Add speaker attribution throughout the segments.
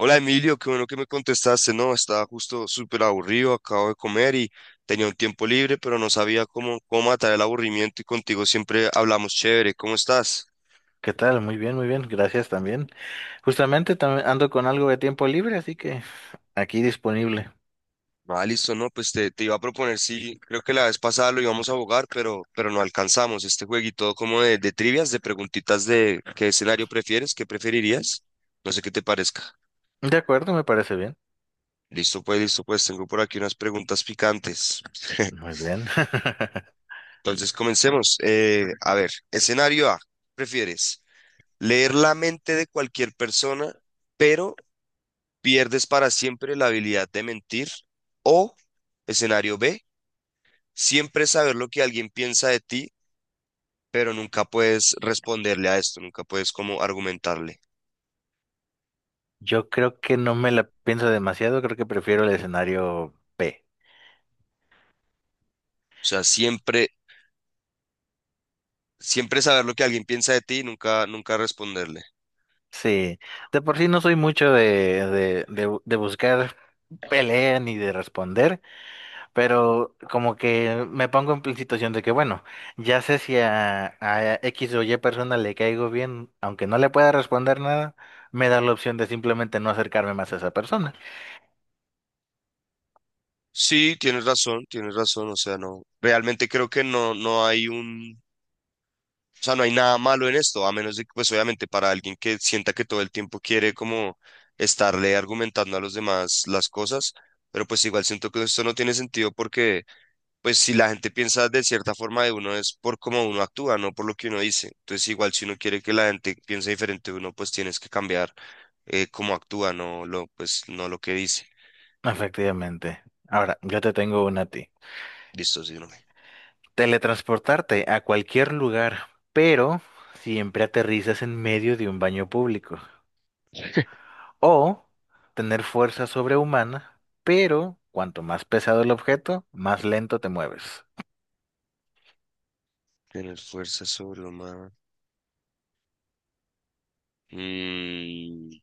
Speaker 1: Hola Emilio, qué bueno que me contestaste. No, estaba justo súper aburrido, acabo de comer y tenía un tiempo libre, pero no sabía cómo matar el aburrimiento y contigo siempre hablamos chévere. ¿Cómo estás?
Speaker 2: ¿Qué tal? Muy bien, muy bien. Gracias también. Justamente también ando con algo de tiempo libre, así que aquí disponible.
Speaker 1: Ah, listo, no, pues te iba a proponer, sí, creo que la vez pasada lo íbamos a jugar, pero no alcanzamos este jueguito como de trivias, de preguntitas de qué escenario prefieres, qué preferirías. No sé qué te parezca.
Speaker 2: De acuerdo, me parece bien.
Speaker 1: Listo, pues, tengo por aquí unas preguntas picantes.
Speaker 2: Muy bien.
Speaker 1: Entonces, comencemos. A ver, escenario A, ¿prefieres? Leer la mente de cualquier persona, pero pierdes para siempre la habilidad de mentir. O, escenario B, siempre saber lo que alguien piensa de ti, pero nunca puedes responderle a esto, nunca puedes como argumentarle.
Speaker 2: Yo creo que no me la pienso demasiado, creo que prefiero el escenario B.
Speaker 1: O sea, siempre, siempre saber lo que alguien piensa de ti, nunca, nunca responderle.
Speaker 2: Sí, de por sí no soy mucho de buscar pelea ni de responder, pero como que me pongo situación de que, bueno, ya sé si a X o Y persona le caigo bien, aunque no le pueda responder nada, me da la opción de simplemente no acercarme más a esa persona.
Speaker 1: Sí, tienes razón, tienes razón. O sea, no, realmente creo que no, no hay un. O sea, no hay nada malo en esto, a menos de que, pues obviamente para alguien que sienta que todo el tiempo quiere como estarle argumentando a los demás las cosas, pero pues igual siento que esto no tiene sentido porque, pues si la gente piensa de cierta forma de uno es por cómo uno actúa, no por lo que uno dice. Entonces igual si uno quiere que la gente piense diferente de uno, pues tienes que cambiar cómo actúa, no lo, pues, no lo que dice.
Speaker 2: Efectivamente. Ahora, yo te tengo una a ti.
Speaker 1: Listo, sí, no me.
Speaker 2: Teletransportarte a cualquier lugar, pero siempre aterrizas en medio de un baño público. O tener fuerza sobrehumana, pero cuanto más pesado el objeto, más lento te mueves.
Speaker 1: Tener fuerza sobrehumana. Mm,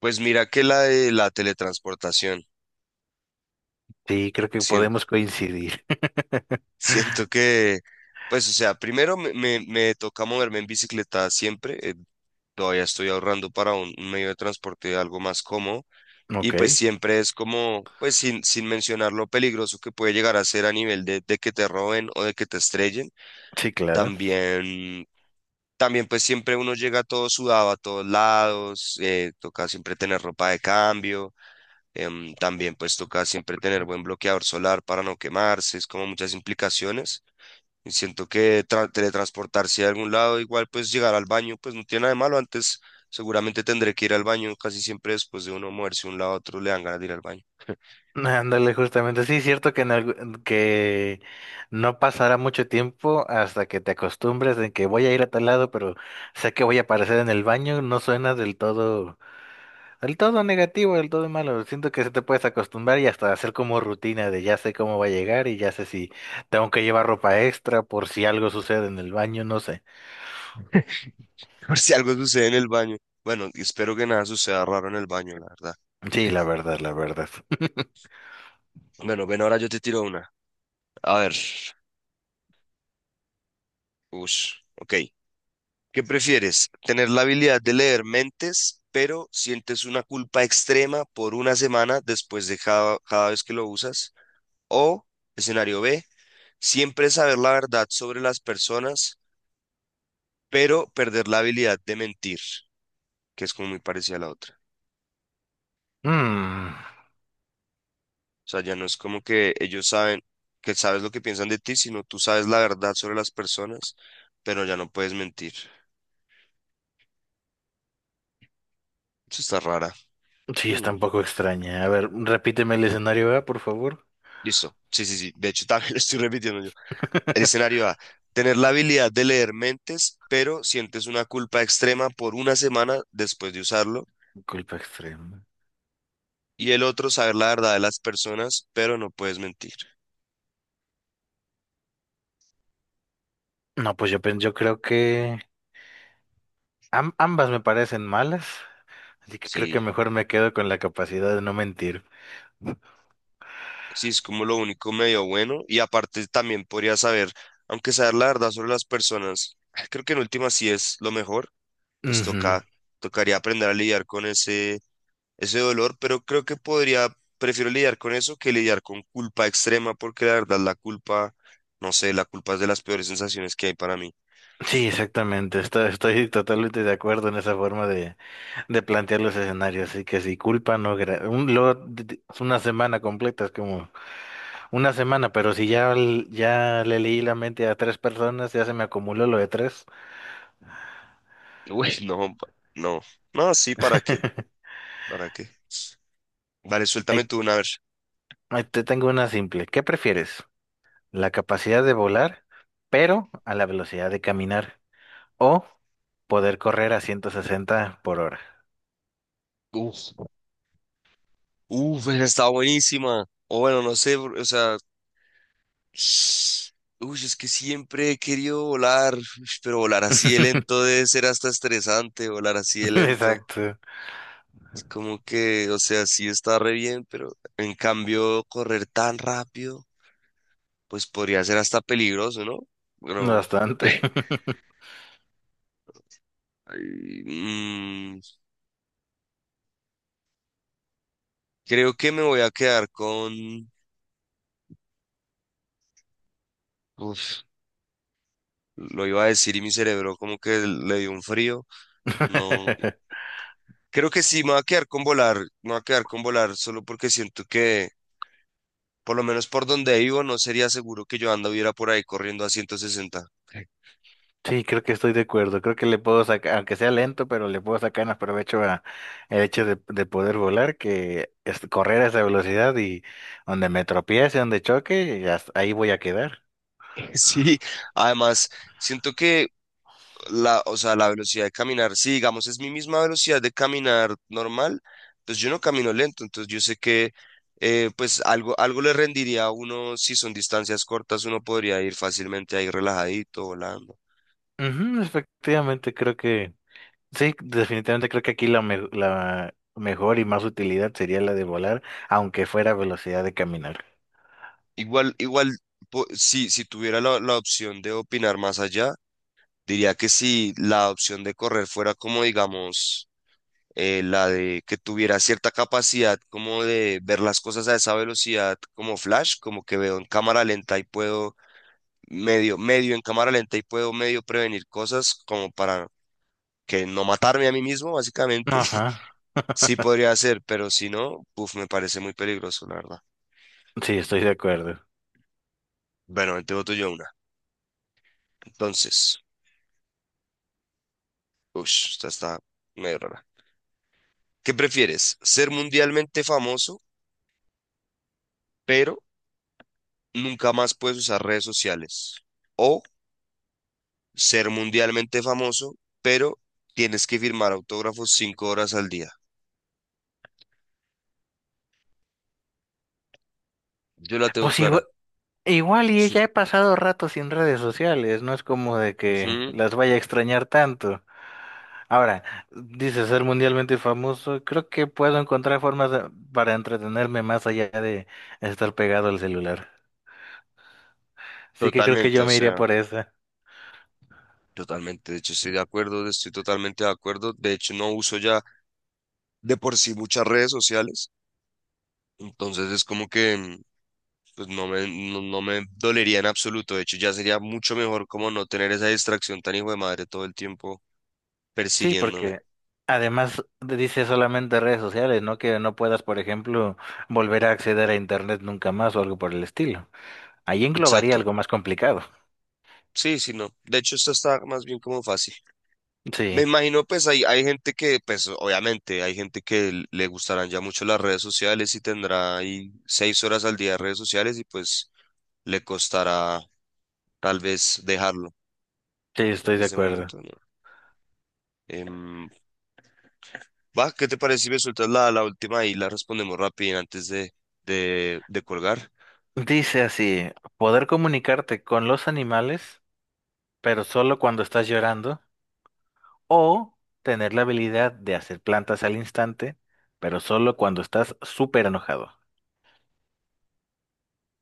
Speaker 1: pues mira que la de la teletransportación.
Speaker 2: Sí, creo que podemos coincidir.
Speaker 1: Siento que, pues, o sea, primero me toca moverme en bicicleta siempre. Todavía estoy ahorrando para un medio de transporte algo más cómodo. Y
Speaker 2: Ok,
Speaker 1: pues siempre es como, pues, sin mencionar lo peligroso que puede llegar a ser a nivel de que te roben o de que te estrellen.
Speaker 2: sí, claro.
Speaker 1: También, también, pues, siempre uno llega todo sudado a todos lados. Toca siempre tener ropa de cambio. También, pues, toca siempre tener buen bloqueador solar para no quemarse. Es como muchas implicaciones. Y siento que teletransportarse a algún lado, igual pues llegar al baño, pues no tiene nada de malo. Antes seguramente tendré que ir al baño, casi siempre después de uno moverse de un lado a otro le dan ganas de ir al baño.
Speaker 2: Ándale, justamente. Sí, es cierto que, que no pasará mucho tiempo hasta que te acostumbres en que voy a ir a tal lado, pero sé que voy a aparecer en el baño. No suena del todo negativo, del todo malo. Siento que se te puedes acostumbrar y hasta hacer como rutina de ya sé cómo va a llegar y ya sé si tengo que llevar ropa extra por si algo sucede en el baño, no sé.
Speaker 1: Por si algo sucede en el baño. Bueno, y espero que nada suceda raro en el baño, la verdad.
Speaker 2: Sí, la verdad, la verdad.
Speaker 1: Bueno, ven, ahora yo te tiro una. A ver, ush, ok. ¿Qué prefieres? ¿Tener la habilidad de leer mentes, pero sientes una culpa extrema por una semana después de cada vez que lo usas? ¿O escenario B? Siempre saber la verdad sobre las personas, pero perder la habilidad de mentir, que es como muy parecida a la otra.
Speaker 2: Mm.
Speaker 1: O sea, ya no es como que ellos saben que sabes lo que piensan de ti, sino tú sabes la verdad sobre las personas, pero ya no puedes mentir. Eso está rara.
Speaker 2: Sí, está
Speaker 1: Hmm.
Speaker 2: un poco extraña. A ver, repíteme el escenario A, por favor.
Speaker 1: Listo. Sí, sí, sí. De hecho, también lo estoy repitiendo yo. El escenario A. Tener la habilidad de leer mentes, pero sientes una culpa extrema por una semana después de usarlo.
Speaker 2: Culpa extrema.
Speaker 1: Y el otro, saber la verdad de las personas, pero no puedes mentir.
Speaker 2: No, pues yo creo que ambas me parecen malas, así que creo que
Speaker 1: Sí.
Speaker 2: mejor me quedo con la capacidad de no mentir.
Speaker 1: Sí, es como lo único medio bueno. Y aparte también podría saber, aunque saber la verdad sobre las personas, creo que en última sí es lo mejor, pues
Speaker 2: Ujú.
Speaker 1: toca, tocaría aprender a lidiar con ese, ese dolor, pero creo que podría, prefiero lidiar con eso que lidiar con culpa extrema, porque la verdad la culpa, no sé, la culpa es de las peores sensaciones que hay para mí.
Speaker 2: Sí, exactamente. Estoy, estoy totalmente de acuerdo en esa forma de plantear los escenarios. Así que si culpa, no. gra- Un, lo- d- d- Una semana completa, es como una semana, pero si ya le leí la mente a tres personas, ya se me acumuló lo de tres.
Speaker 1: Uy, no, no, no, sí, ¿para qué? ¿Para qué? Vale, suéltame
Speaker 2: Ahí
Speaker 1: tú una vez.
Speaker 2: Ahí te tengo una simple. ¿Qué prefieres? ¿La capacidad de volar, pero a la velocidad de caminar? ¿O poder correr a 160 por hora?
Speaker 1: Uf, uf, esa está buenísima. O bueno, no sé, o sea, uy, es que siempre he querido volar, ush, pero volar así de lento debe ser hasta estresante, volar así de lento.
Speaker 2: Exacto.
Speaker 1: Es como que, o sea, sí está re bien, pero en cambio correr tan rápido, pues podría ser hasta peligroso, ¿no? Pero
Speaker 2: Bastante.
Speaker 1: ay, mm, creo que me voy a quedar con... Uf, lo iba a decir y mi cerebro como que le dio un frío. No, creo que sí, me voy a quedar con volar, me voy a quedar con volar solo porque siento que... Por lo menos por donde vivo, no sería seguro que yo anduviera por ahí corriendo a 160.
Speaker 2: Sí, creo que estoy de acuerdo. Creo que le puedo sacar, aunque sea lento, pero le puedo sacar más provecho a el hecho de poder volar que correr a esa velocidad y donde me tropiece, donde choque, y hasta ahí voy a quedar.
Speaker 1: Sí, además, siento que la, o sea, la velocidad de caminar, si digamos es mi misma velocidad de caminar normal, pues yo no camino lento, entonces yo sé que pues algo, algo le rendiría a uno, si son distancias cortas, uno podría ir fácilmente ahí relajadito, volando.
Speaker 2: Ujú, efectivamente, creo que sí, definitivamente creo que aquí la mejor y más utilidad sería la de volar, aunque fuera velocidad de caminar.
Speaker 1: Igual, igual, si, tuviera la opción de opinar más allá, diría que si la opción de correr fuera como, digamos, la de que tuviera cierta capacidad como de ver las cosas a esa velocidad como flash, como que veo en cámara lenta y puedo medio en cámara lenta y puedo medio prevenir cosas como para que no matarme a mí mismo, básicamente.
Speaker 2: Ajá.
Speaker 1: Sí podría ser, pero si no, uf, me parece muy peligroso, la verdad.
Speaker 2: Sí, estoy de acuerdo.
Speaker 1: Bueno, te voto yo una. Entonces, uff, esta está medio rara. ¿Qué prefieres? ¿Ser mundialmente famoso, pero nunca más puedes usar redes sociales? ¿O ser mundialmente famoso, pero tienes que firmar autógrafos 5 horas al día? Yo la tengo
Speaker 2: Pues
Speaker 1: clara.
Speaker 2: igua- igual, y ya he pasado rato sin redes sociales, no es como de que
Speaker 1: Ujú.
Speaker 2: las vaya a extrañar tanto. Ahora, dice ser mundialmente famoso, creo que puedo encontrar formas para entretenerme más allá de estar pegado al celular. Así que creo que
Speaker 1: Totalmente,
Speaker 2: yo
Speaker 1: o
Speaker 2: me iría
Speaker 1: sea,
Speaker 2: por esa.
Speaker 1: totalmente. De hecho, estoy de acuerdo, estoy totalmente de acuerdo. De hecho, no uso ya de por sí muchas redes sociales. Entonces es como que pues no me, no, no me dolería en absoluto. De hecho, ya sería mucho mejor como no tener esa distracción tan hijo de madre todo el tiempo
Speaker 2: Sí,
Speaker 1: persiguiéndome.
Speaker 2: porque además dice solamente redes sociales, ¿no? Que no puedas, por ejemplo, volver a acceder a internet nunca más o algo por el estilo. Ahí englobaría
Speaker 1: Exacto.
Speaker 2: algo más complicado.
Speaker 1: Sí, sí, no. De hecho, esto está más bien como fácil. Me
Speaker 2: Sí,
Speaker 1: imagino, pues hay gente que, pues obviamente, hay gente que le gustarán ya mucho las redes sociales y tendrá ahí 6 horas al día de redes sociales y pues le costará tal vez dejarlo.
Speaker 2: sí,
Speaker 1: Pero
Speaker 2: estoy de
Speaker 1: pues de
Speaker 2: acuerdo.
Speaker 1: momento no. Em, Va, ¿qué te parece si me sueltas la, última y la respondemos rápido antes de colgar?
Speaker 2: Dice así, poder comunicarte con los animales, pero solo cuando estás llorando, o tener la habilidad de hacer plantas al instante, pero solo cuando estás súper enojado.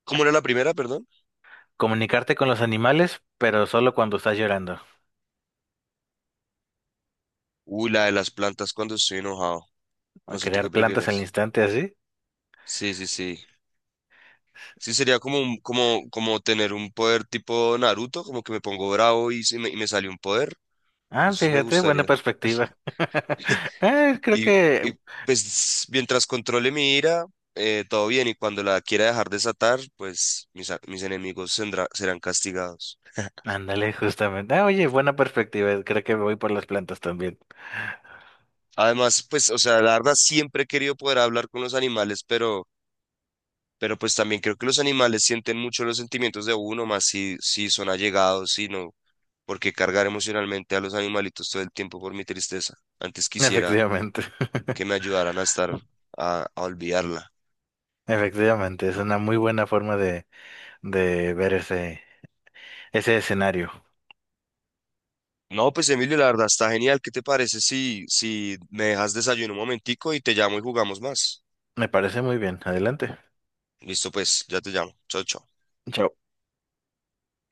Speaker 1: ¿Cómo era la primera, perdón?
Speaker 2: Comunicarte con los animales, pero solo cuando estás llorando.
Speaker 1: Uy, la de las plantas cuando estoy enojado. No sé tú
Speaker 2: Crear
Speaker 1: qué
Speaker 2: plantas al
Speaker 1: prefieras.
Speaker 2: instante así.
Speaker 1: Sí, sí, sí. Sí, sería como, como tener un poder tipo Naruto, como que me pongo bravo y, se me, y me sale un poder.
Speaker 2: Ah,
Speaker 1: Eso sí me
Speaker 2: fíjate, buena
Speaker 1: gustaría.
Speaker 2: perspectiva. Ah, creo
Speaker 1: Y,
Speaker 2: que...
Speaker 1: y, pues mientras controle mi ira, todo bien. Y cuando la quiera dejar desatar, pues mis, mis enemigos serán castigados.
Speaker 2: Ándale, justamente. Ah, oye, buena perspectiva. Creo que me voy por las plantas también.
Speaker 1: Además, pues, o sea, la verdad siempre he querido poder hablar con los animales, pero pues también creo que los animales sienten mucho los sentimientos de uno, más si, son allegados, si no. Porque cargar emocionalmente a los animalitos todo el tiempo por mi tristeza. Antes quisiera
Speaker 2: Efectivamente.
Speaker 1: que me ayudaran a estar, a olvidarla.
Speaker 2: Efectivamente, es una muy buena forma de ver ese, ese escenario.
Speaker 1: No, pues Emilio, la verdad está genial. ¿Qué te parece si, me dejas desayuno un momentico y te llamo y jugamos más?
Speaker 2: Me parece muy bien. Adelante.
Speaker 1: Listo, pues, ya te llamo. Chao, chao.
Speaker 2: Chao.